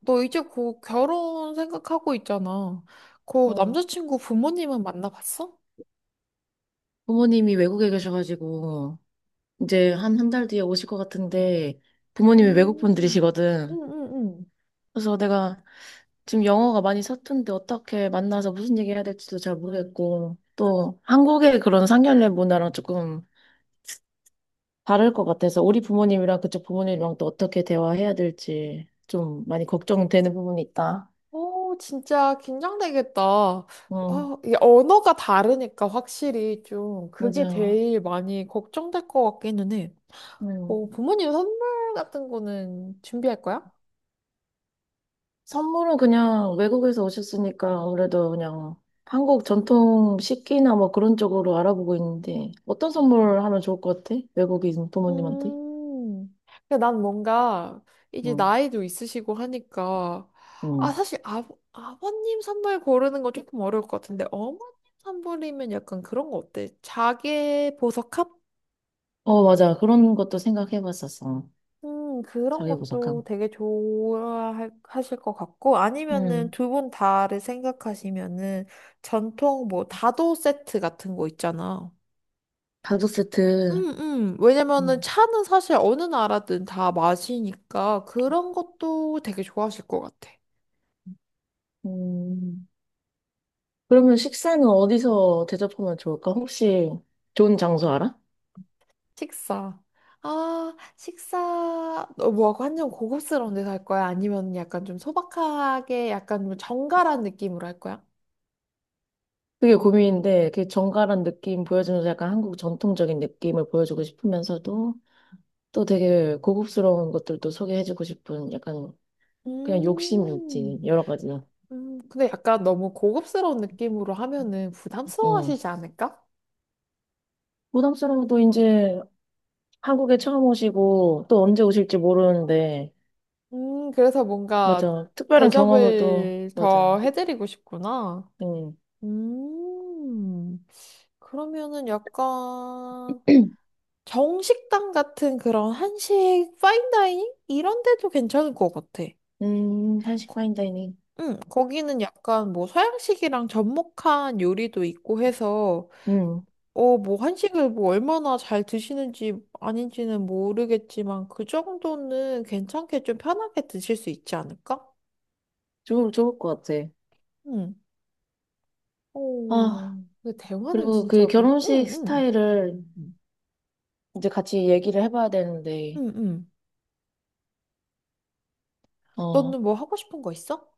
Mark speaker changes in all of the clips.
Speaker 1: 너 이제 곧 결혼 생각하고 있잖아. 그
Speaker 2: 어,
Speaker 1: 남자친구 부모님은 만나봤어?
Speaker 2: 부모님이 외국에 계셔가지고, 이제 한 한 달 뒤에 오실 것 같은데, 부모님이 외국
Speaker 1: 음,
Speaker 2: 분들이시거든.
Speaker 1: 응응 응.
Speaker 2: 그래서 내가 지금 영어가 많이 서툰데 어떻게 만나서 무슨 얘기 해야 될지도 잘 모르겠고, 또 한국의 그런 상견례 문화랑 조금 다를 것 같아서, 우리 부모님이랑 그쪽 부모님이랑 또 어떻게 대화해야 될지 좀 많이 걱정되는 부분이 있다.
Speaker 1: 오 진짜 긴장되겠다.
Speaker 2: 응,
Speaker 1: 아 이게 언어가 다르니까 확실히 좀 그게
Speaker 2: 맞아.
Speaker 1: 제일 많이 걱정될 것 같기는 해.
Speaker 2: 응.
Speaker 1: 어, 부모님 선물 같은 거는 준비할 거야?
Speaker 2: 선물은 그냥 외국에서 오셨으니까 아무래도 그냥 한국 전통 식기나 뭐 그런 쪽으로 알아보고 있는데 어떤 선물 하면 좋을 것 같아? 외국인 부모님한테?
Speaker 1: 음. 그러니까 난 뭔가 이제
Speaker 2: 응,
Speaker 1: 나이도 있으시고 하니까 아
Speaker 2: 응.
Speaker 1: 사실 아, 아버님 선물 고르는 거 조금 어려울 것 같은데 어머님 선물이면 약간 그런 거 어때? 자개 보석함?
Speaker 2: 어, 맞아. 그런 것도 생각해 봤었어.
Speaker 1: 그런
Speaker 2: 자기
Speaker 1: 것도
Speaker 2: 보석함.
Speaker 1: 되게 좋아하실 것 같고 아니면은
Speaker 2: 응.
Speaker 1: 두 분 다를 생각하시면은 전통 뭐 다도 세트 같은 거 있잖아.
Speaker 2: 가족 세트.
Speaker 1: 왜냐면은
Speaker 2: 응.
Speaker 1: 차는 사실 어느 나라든 다 마시니까 그런 것도 되게 좋아하실 것 같아.
Speaker 2: 음. 그러면 식사는 어디서 대접하면 좋을까? 혹시 좋은 장소 알아?
Speaker 1: 식사. 아, 식사, 어, 뭐, 완전 고급스러운 데서 할 거야? 아니면 약간 좀 소박하게, 약간 좀 정갈한 느낌으로 할 거야?
Speaker 2: 그게 고민인데, 그 정갈한 느낌 보여주면서 약간 한국 전통적인 느낌을 보여주고 싶으면서도 또 되게 고급스러운 것들도 소개해주고 싶은 약간 그냥 욕심이 있지,
Speaker 1: 음,
Speaker 2: 여러 가지.
Speaker 1: 근데 약간 너무 고급스러운 느낌으로 하면은 부담스러워
Speaker 2: 응.
Speaker 1: 하시지 않을까?
Speaker 2: 부담스러워도 이제 한국에 처음 오시고 또 언제 오실지 모르는데,
Speaker 1: 그래서 뭔가
Speaker 2: 맞아. 특별한 경험을 또,
Speaker 1: 대접을
Speaker 2: 맞아.
Speaker 1: 더 해드리고 싶구나.
Speaker 2: 응.
Speaker 1: 음. 그러면은 약간 정식당 같은 그런 한식 파인다이닝 이런 데도 괜찮을 것 같아.
Speaker 2: 한식
Speaker 1: 거-
Speaker 2: 파인다이닝.
Speaker 1: 응, 거기는 약간 뭐 서양식이랑 접목한 요리도 있고 해서
Speaker 2: 응.
Speaker 1: 어, 뭐 한식을 뭐 얼마나 잘 드시는지 아닌지는 모르겠지만 그 정도는 괜찮게 좀 편하게 드실 수 있지 않을까?
Speaker 2: 좋을 것 같아.
Speaker 1: 응. 오,
Speaker 2: 아,
Speaker 1: 근데 대화는
Speaker 2: 그리고
Speaker 1: 진짜
Speaker 2: 그
Speaker 1: 무슨,
Speaker 2: 결혼식
Speaker 1: 응,
Speaker 2: 스타일을
Speaker 1: 응.
Speaker 2: 이제 같이 얘기를 해봐야 되는데,
Speaker 1: 응, 응.
Speaker 2: 어,
Speaker 1: 너는 뭐 하고 싶은 거 있어?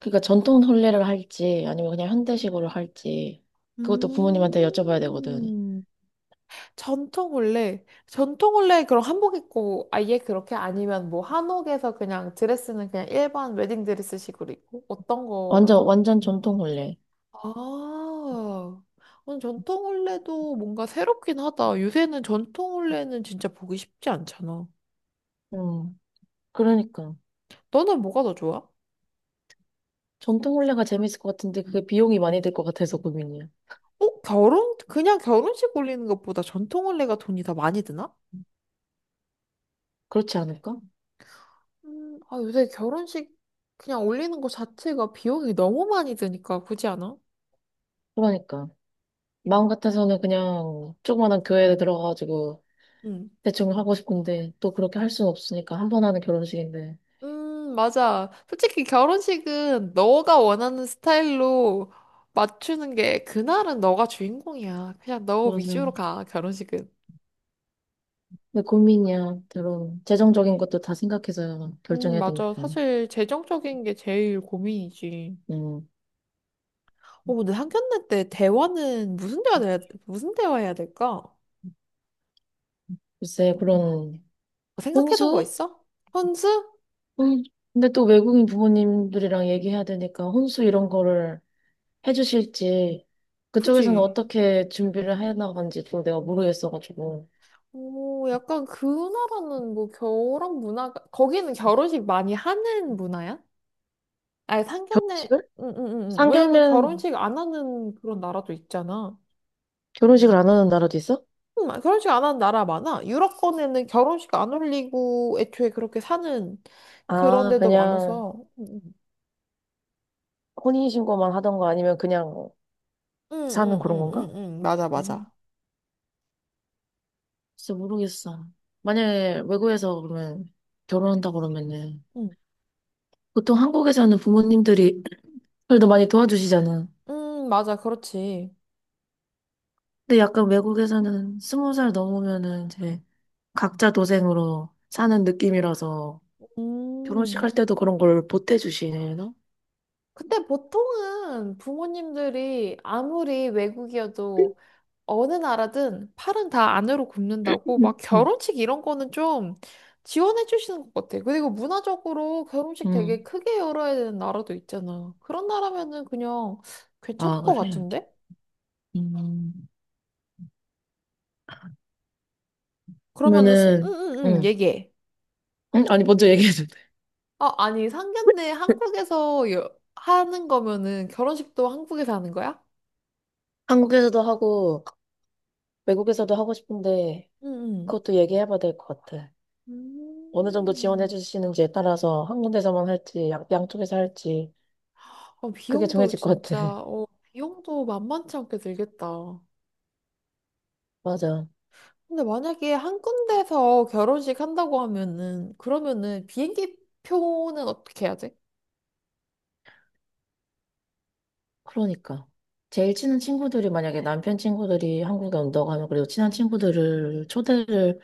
Speaker 2: 그러니까 전통 혼례를 할지, 아니면 그냥 현대식으로 할지, 그것도 부모님한테 여쭤봐야 되거든.
Speaker 1: 음, 전통 올레. 전통 올레 그럼 한복 입고 아예 그렇게 아니면 뭐 한옥에서 그냥 드레스는 그냥 일반 웨딩 드레스식으로 입고 어떤 거가
Speaker 2: 완전,
Speaker 1: 더?
Speaker 2: 완전 전통혼례.
Speaker 1: 아, 전통 올레도 뭔가 새롭긴 하다. 요새는 전통 올레는 진짜 보기 쉽지 않잖아.
Speaker 2: 음, 그러니까.
Speaker 1: 너는 뭐가 더 좋아?
Speaker 2: 전통혼례가 재밌을 것 같은데 그게 비용이 많이 들 것 같아서 고민이야.
Speaker 1: 어, 결혼? 그냥 결혼식 올리는 것보다 전통 올레가 돈이 더 많이 드나?
Speaker 2: 그렇지 않을까?
Speaker 1: 아, 요새 결혼식 그냥 올리는 거 자체가 비용이 너무 많이 드니까 굳이 않아?
Speaker 2: 그러니까. 마음 같아서는 그냥 조그만한 교회에 들어가가지고
Speaker 1: 응.
Speaker 2: 대충 하고 싶은데 또 그렇게 할 수는 없으니까 한 번 하는 결혼식인데.
Speaker 1: 맞아. 솔직히 결혼식은 너가 원하는 스타일로 맞추는 게 그날은 너가 주인공이야. 그냥 너 위주로
Speaker 2: 맞아.
Speaker 1: 가, 결혼식은.
Speaker 2: 근데 고민이야. 결혼. 재정적인 것도 다 생각해서 결정해야
Speaker 1: 맞아.
Speaker 2: 되니까.
Speaker 1: 사실 재정적인 게 제일 고민이지.
Speaker 2: 음,
Speaker 1: 어, 근데 상견례 때 대화는 무슨 대화 해야 될까?
Speaker 2: 글쎄,
Speaker 1: 뭐, 뭐,
Speaker 2: 그런
Speaker 1: 뭐 생각해둔 거
Speaker 2: 혼수?
Speaker 1: 있어? 혼수?
Speaker 2: 음, 근데 또 외국인 부모님들이랑 얘기해야 되니까 혼수 이런 거를 해주실지 그쪽에서는
Speaker 1: 그지?
Speaker 2: 어떻게 준비를 해나간지 또 내가 모르겠어가지고
Speaker 1: 오, 약간 그 나라는 뭐 결혼 문화가, 거기는 결혼식 많이 하는 문화야? 아니, 상견례,
Speaker 2: 결혼식을?
Speaker 1: 응, 응, 응. 응. 왜냐면
Speaker 2: 상견례는
Speaker 1: 결혼식 안 하는 그런 나라도 있잖아.
Speaker 2: 결혼식을 안 하는 나라도 있어?
Speaker 1: 결혼식 안 하는 나라 많아. 유럽권에는 결혼식 안 올리고 애초에 그렇게 사는 그런
Speaker 2: 아
Speaker 1: 데도
Speaker 2: 그냥
Speaker 1: 많아서. 응,
Speaker 2: 혼인신고만 하던 거 아니면 그냥
Speaker 1: 응, 응,
Speaker 2: 사는 그런
Speaker 1: 응, 응, 응.
Speaker 2: 건가?
Speaker 1: 응. 맞아,
Speaker 2: 음,
Speaker 1: 맞아.
Speaker 2: 진짜 모르겠어. 만약에 외국에서 그러면 결혼한다 그러면은
Speaker 1: 응,
Speaker 2: 보통 한국에서는 부모님들이 그래도 많이 도와주시잖아.
Speaker 1: 응, 맞아, 그렇지.
Speaker 2: 근데 약간 외국에서는 스무 살 넘으면은 이제 각자 도생으로 사는 느낌이라서 결혼식
Speaker 1: 음.
Speaker 2: 할 때도 그런 걸 보태주시나?
Speaker 1: 근데 보통은 부모님들이 아무리 외국이어도 어느 나라든 팔은 다 안으로 굽는다고 막
Speaker 2: 음.
Speaker 1: 결혼식 이런 거는 좀 지원해 주시는 것 같아. 그리고 문화적으로 결혼식 되게
Speaker 2: 응.
Speaker 1: 크게 열어야 되는 나라도 있잖아. 그런 나라면은 그냥 괜찮을
Speaker 2: 아,
Speaker 1: 것
Speaker 2: 그래.
Speaker 1: 같은데?
Speaker 2: 음.
Speaker 1: 그러면은
Speaker 2: 그러면은,
Speaker 1: 응응응
Speaker 2: 응.
Speaker 1: 얘기해.
Speaker 2: 응? 아니, 먼저 얘기해도 돼.
Speaker 1: 아 아니 상견례 하는 거면은 결혼식도 한국에서 하는 거야?
Speaker 2: 한국에서도 하고, 외국에서도 하고 싶은데,
Speaker 1: 응응.
Speaker 2: 그것도 얘기해봐야 될 것 같아. 어느 정도 지원해
Speaker 1: 음.
Speaker 2: 주시는지에 따라서 한 군데서만 할지, 양쪽에서 할지,
Speaker 1: 어,
Speaker 2: 그게
Speaker 1: 비용도
Speaker 2: 정해질 것 같아.
Speaker 1: 진짜 어 비용도 만만치 않게 들겠다.
Speaker 2: 맞아.
Speaker 1: 근데 만약에 한 군데서 결혼식 한다고 하면은, 그러면은 비행기 표는 어떻게 해야 돼?
Speaker 2: 그러니까. 제일 친한 친구들이 만약에 남편 친구들이 한국에 온다고 하면 그래도 친한 친구들을 초대를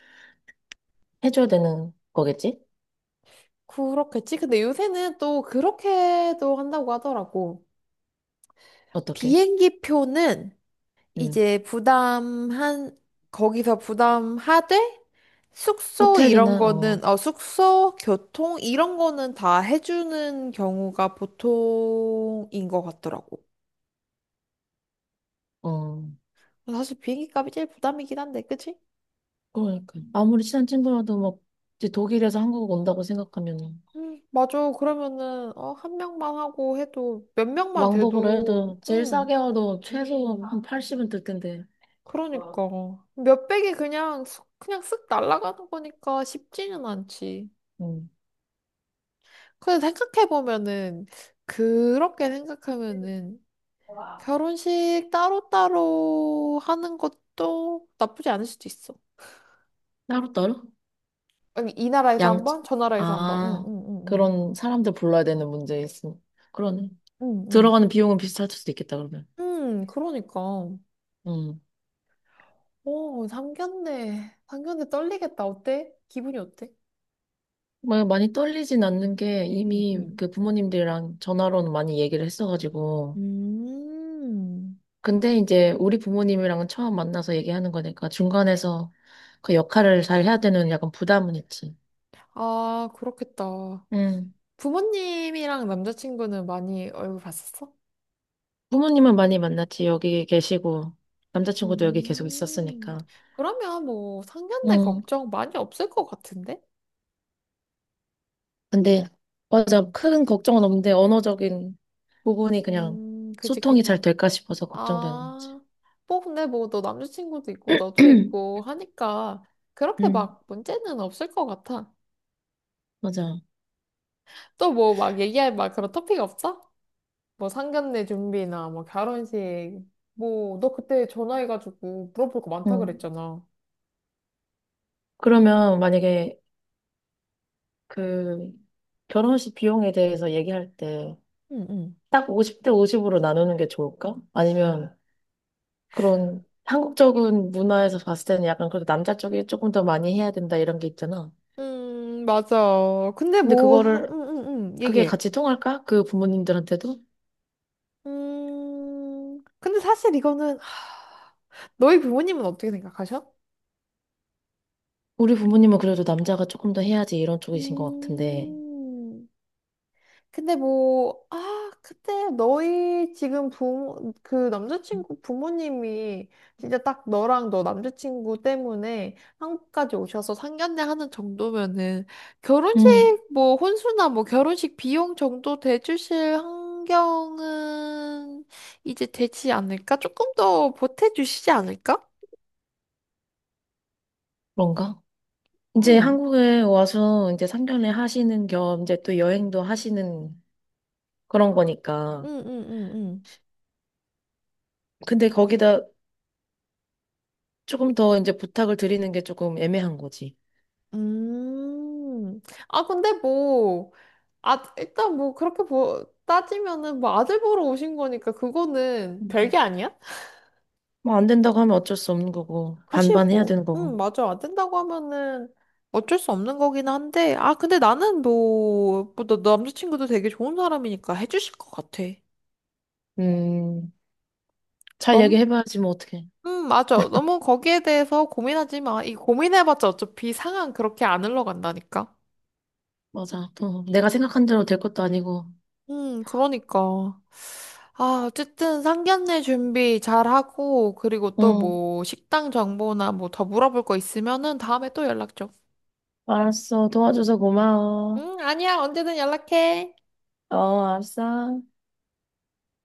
Speaker 2: 해줘야 되는 거겠지?
Speaker 1: 그렇겠지? 근데 요새는 또 그렇게도 한다고 하더라고.
Speaker 2: 어떻게?
Speaker 1: 비행기 표는
Speaker 2: 응.
Speaker 1: 이제 부담한, 거기서 부담하되, 숙소 이런
Speaker 2: 호텔이나,
Speaker 1: 거는,
Speaker 2: 어,
Speaker 1: 어, 숙소, 교통 이런 거는 다 해주는 경우가 보통인 것 같더라고.
Speaker 2: 어.
Speaker 1: 사실 비행기 값이 제일 부담이긴 한데, 그치?
Speaker 2: 그러니까. 아무리 친한 친구라도 막, 이제 독일에서 한국 온다고 생각하면,
Speaker 1: 맞아. 그러면은, 어, 한 명만 하고 해도 몇 명만
Speaker 2: 왕복으로
Speaker 1: 돼도,
Speaker 2: 해도, 제일 싸게 와도 최소 한 80은 들 텐데.
Speaker 1: 그러니까. 몇백이 그냥, 그냥 쓱 날아가는 거니까 쉽지는 않지.
Speaker 2: 음.
Speaker 1: 근데 그렇게 생각하면은, 결혼식 따로따로 하는 것도 나쁘지 않을 수도 있어.
Speaker 2: 따로따로?
Speaker 1: 아니, 이 나라에서 한
Speaker 2: 양,
Speaker 1: 번, 저 나라에서 한 번. 응,
Speaker 2: 아,
Speaker 1: 응, 응, 응.
Speaker 2: 그런 사람들 불러야 되는 문제 있음. 그러네.
Speaker 1: 응,
Speaker 2: 들어가는 비용은 비슷할 수도 있겠다, 그러면.
Speaker 1: 응. 응, 그러니까.
Speaker 2: 음.
Speaker 1: 오, 상견례. 상견례 떨리겠다. 어때? 기분이 어때?
Speaker 2: 뭐, 많이 떨리진 않는 게 이미
Speaker 1: 응응.
Speaker 2: 그 부모님들이랑 전화로는 많이 얘기를 했어가지고,
Speaker 1: 음.
Speaker 2: 근데 이제 우리 부모님이랑은 처음 만나서 얘기하는 거니까 중간에서 그 역할을 잘 해야 되는 약간 부담은 있지.
Speaker 1: 아, 그렇겠다.
Speaker 2: 음.
Speaker 1: 부모님이랑 남자친구는 많이 얼굴 봤었어?
Speaker 2: 부모님은 많이 만났지. 여기 계시고 남자친구도 여기 계속
Speaker 1: 음,
Speaker 2: 있었으니까.
Speaker 1: 그러면 뭐 상견례
Speaker 2: 응.
Speaker 1: 걱정 많이 없을 것 같은데?
Speaker 2: 근데 맞아. 큰 걱정은 없는데 언어적인 부분이 그냥
Speaker 1: 그지,
Speaker 2: 소통이 잘
Speaker 1: 그냥.
Speaker 2: 될까 싶어서 걱정되는 거지.
Speaker 1: 아, 뭐 근데 뭐 너 남자친구도 있고 너도 있고 하니까 그렇게
Speaker 2: 응.
Speaker 1: 막 문제는 없을 것 같아.
Speaker 2: 맞아.
Speaker 1: 또 뭐 막 얘기할 막 그런 토픽 없어? 뭐 상견례 준비나 뭐 결혼식 뭐 너 그때 전화해가지고 물어볼 거 많다
Speaker 2: 음.
Speaker 1: 그랬잖아.
Speaker 2: 그러면 만약에 그 결혼식 비용에 대해서 얘기할 때
Speaker 1: 응, 응.
Speaker 2: 딱 50대 50으로 나누는 게 좋을까? 아니면 그런 한국적인 문화에서 봤을 때는 약간 그래도 남자 쪽이 조금 더 많이 해야 된다 이런 게 있잖아.
Speaker 1: 맞아.
Speaker 2: 근데 그거를
Speaker 1: 응, 응, 응,
Speaker 2: 그게
Speaker 1: 얘기해.
Speaker 2: 같이 통할까? 그 부모님들한테도?
Speaker 1: 근데 사실 이거는, 하, 너희 부모님은 어떻게 생각하셔?
Speaker 2: 우리 부모님은 그래도 남자가 조금 더 해야지 이런 쪽이신 것 같은데.
Speaker 1: 음, 그때 그 남자친구 부모님이 진짜 딱 너랑 너 남자친구 때문에 한국까지 오셔서 상견례 하는 정도면은 결혼식
Speaker 2: 음.
Speaker 1: 뭐 혼수나 뭐 결혼식 비용 정도 대주실 환경은 이제 되지 않을까? 조금 더 보태주시지 않을까?
Speaker 2: 그런가? 이제
Speaker 1: 응,
Speaker 2: 한국에 와서 이제 상년에 하시는 겸 이제 또 여행도 하시는 그런
Speaker 1: 응,
Speaker 2: 거니까.
Speaker 1: 응, 응, 응.
Speaker 2: 근데 거기다 조금 더 이제 부탁을 드리는 게 조금 애매한 거지.
Speaker 1: 음, 근데 뭐, 아, 일단 뭐 그렇게 보, 따지면은 뭐 아들 보러 오신 거니까 그거는 별게 아니야?
Speaker 2: 뭐 안 된다고 하면 어쩔 수 없는 거고
Speaker 1: 그치
Speaker 2: 반반 해야
Speaker 1: 뭐.
Speaker 2: 되는
Speaker 1: 응,
Speaker 2: 거고.
Speaker 1: 맞아. 안 된다고 하면은 어쩔 수 없는 거긴 한데. 근데 나는 너 남자친구도 되게 좋은 사람이니까 해주실 것 같아.
Speaker 2: 음, 잘
Speaker 1: 너무,
Speaker 2: 얘기해봐야지 뭐 어떡해.
Speaker 1: 맞아. 너무 거기에 대해서 고민하지 마. 이 고민해봤자 어차피 상황 그렇게 안 흘러간다니까.
Speaker 2: 맞아. 또 내가 생각한 대로 될 것도 아니고.
Speaker 1: 그러니까. 아, 어쨌든 상견례 준비 잘하고, 그리고 또
Speaker 2: 응,
Speaker 1: 뭐, 식당 정보나 뭐 더 물어볼 거 있으면은 다음에 또 연락 줘.
Speaker 2: 알았어. 도와줘서 고마워.
Speaker 1: 응, 아니야. 언제든 연락해.
Speaker 2: 어, 알았어.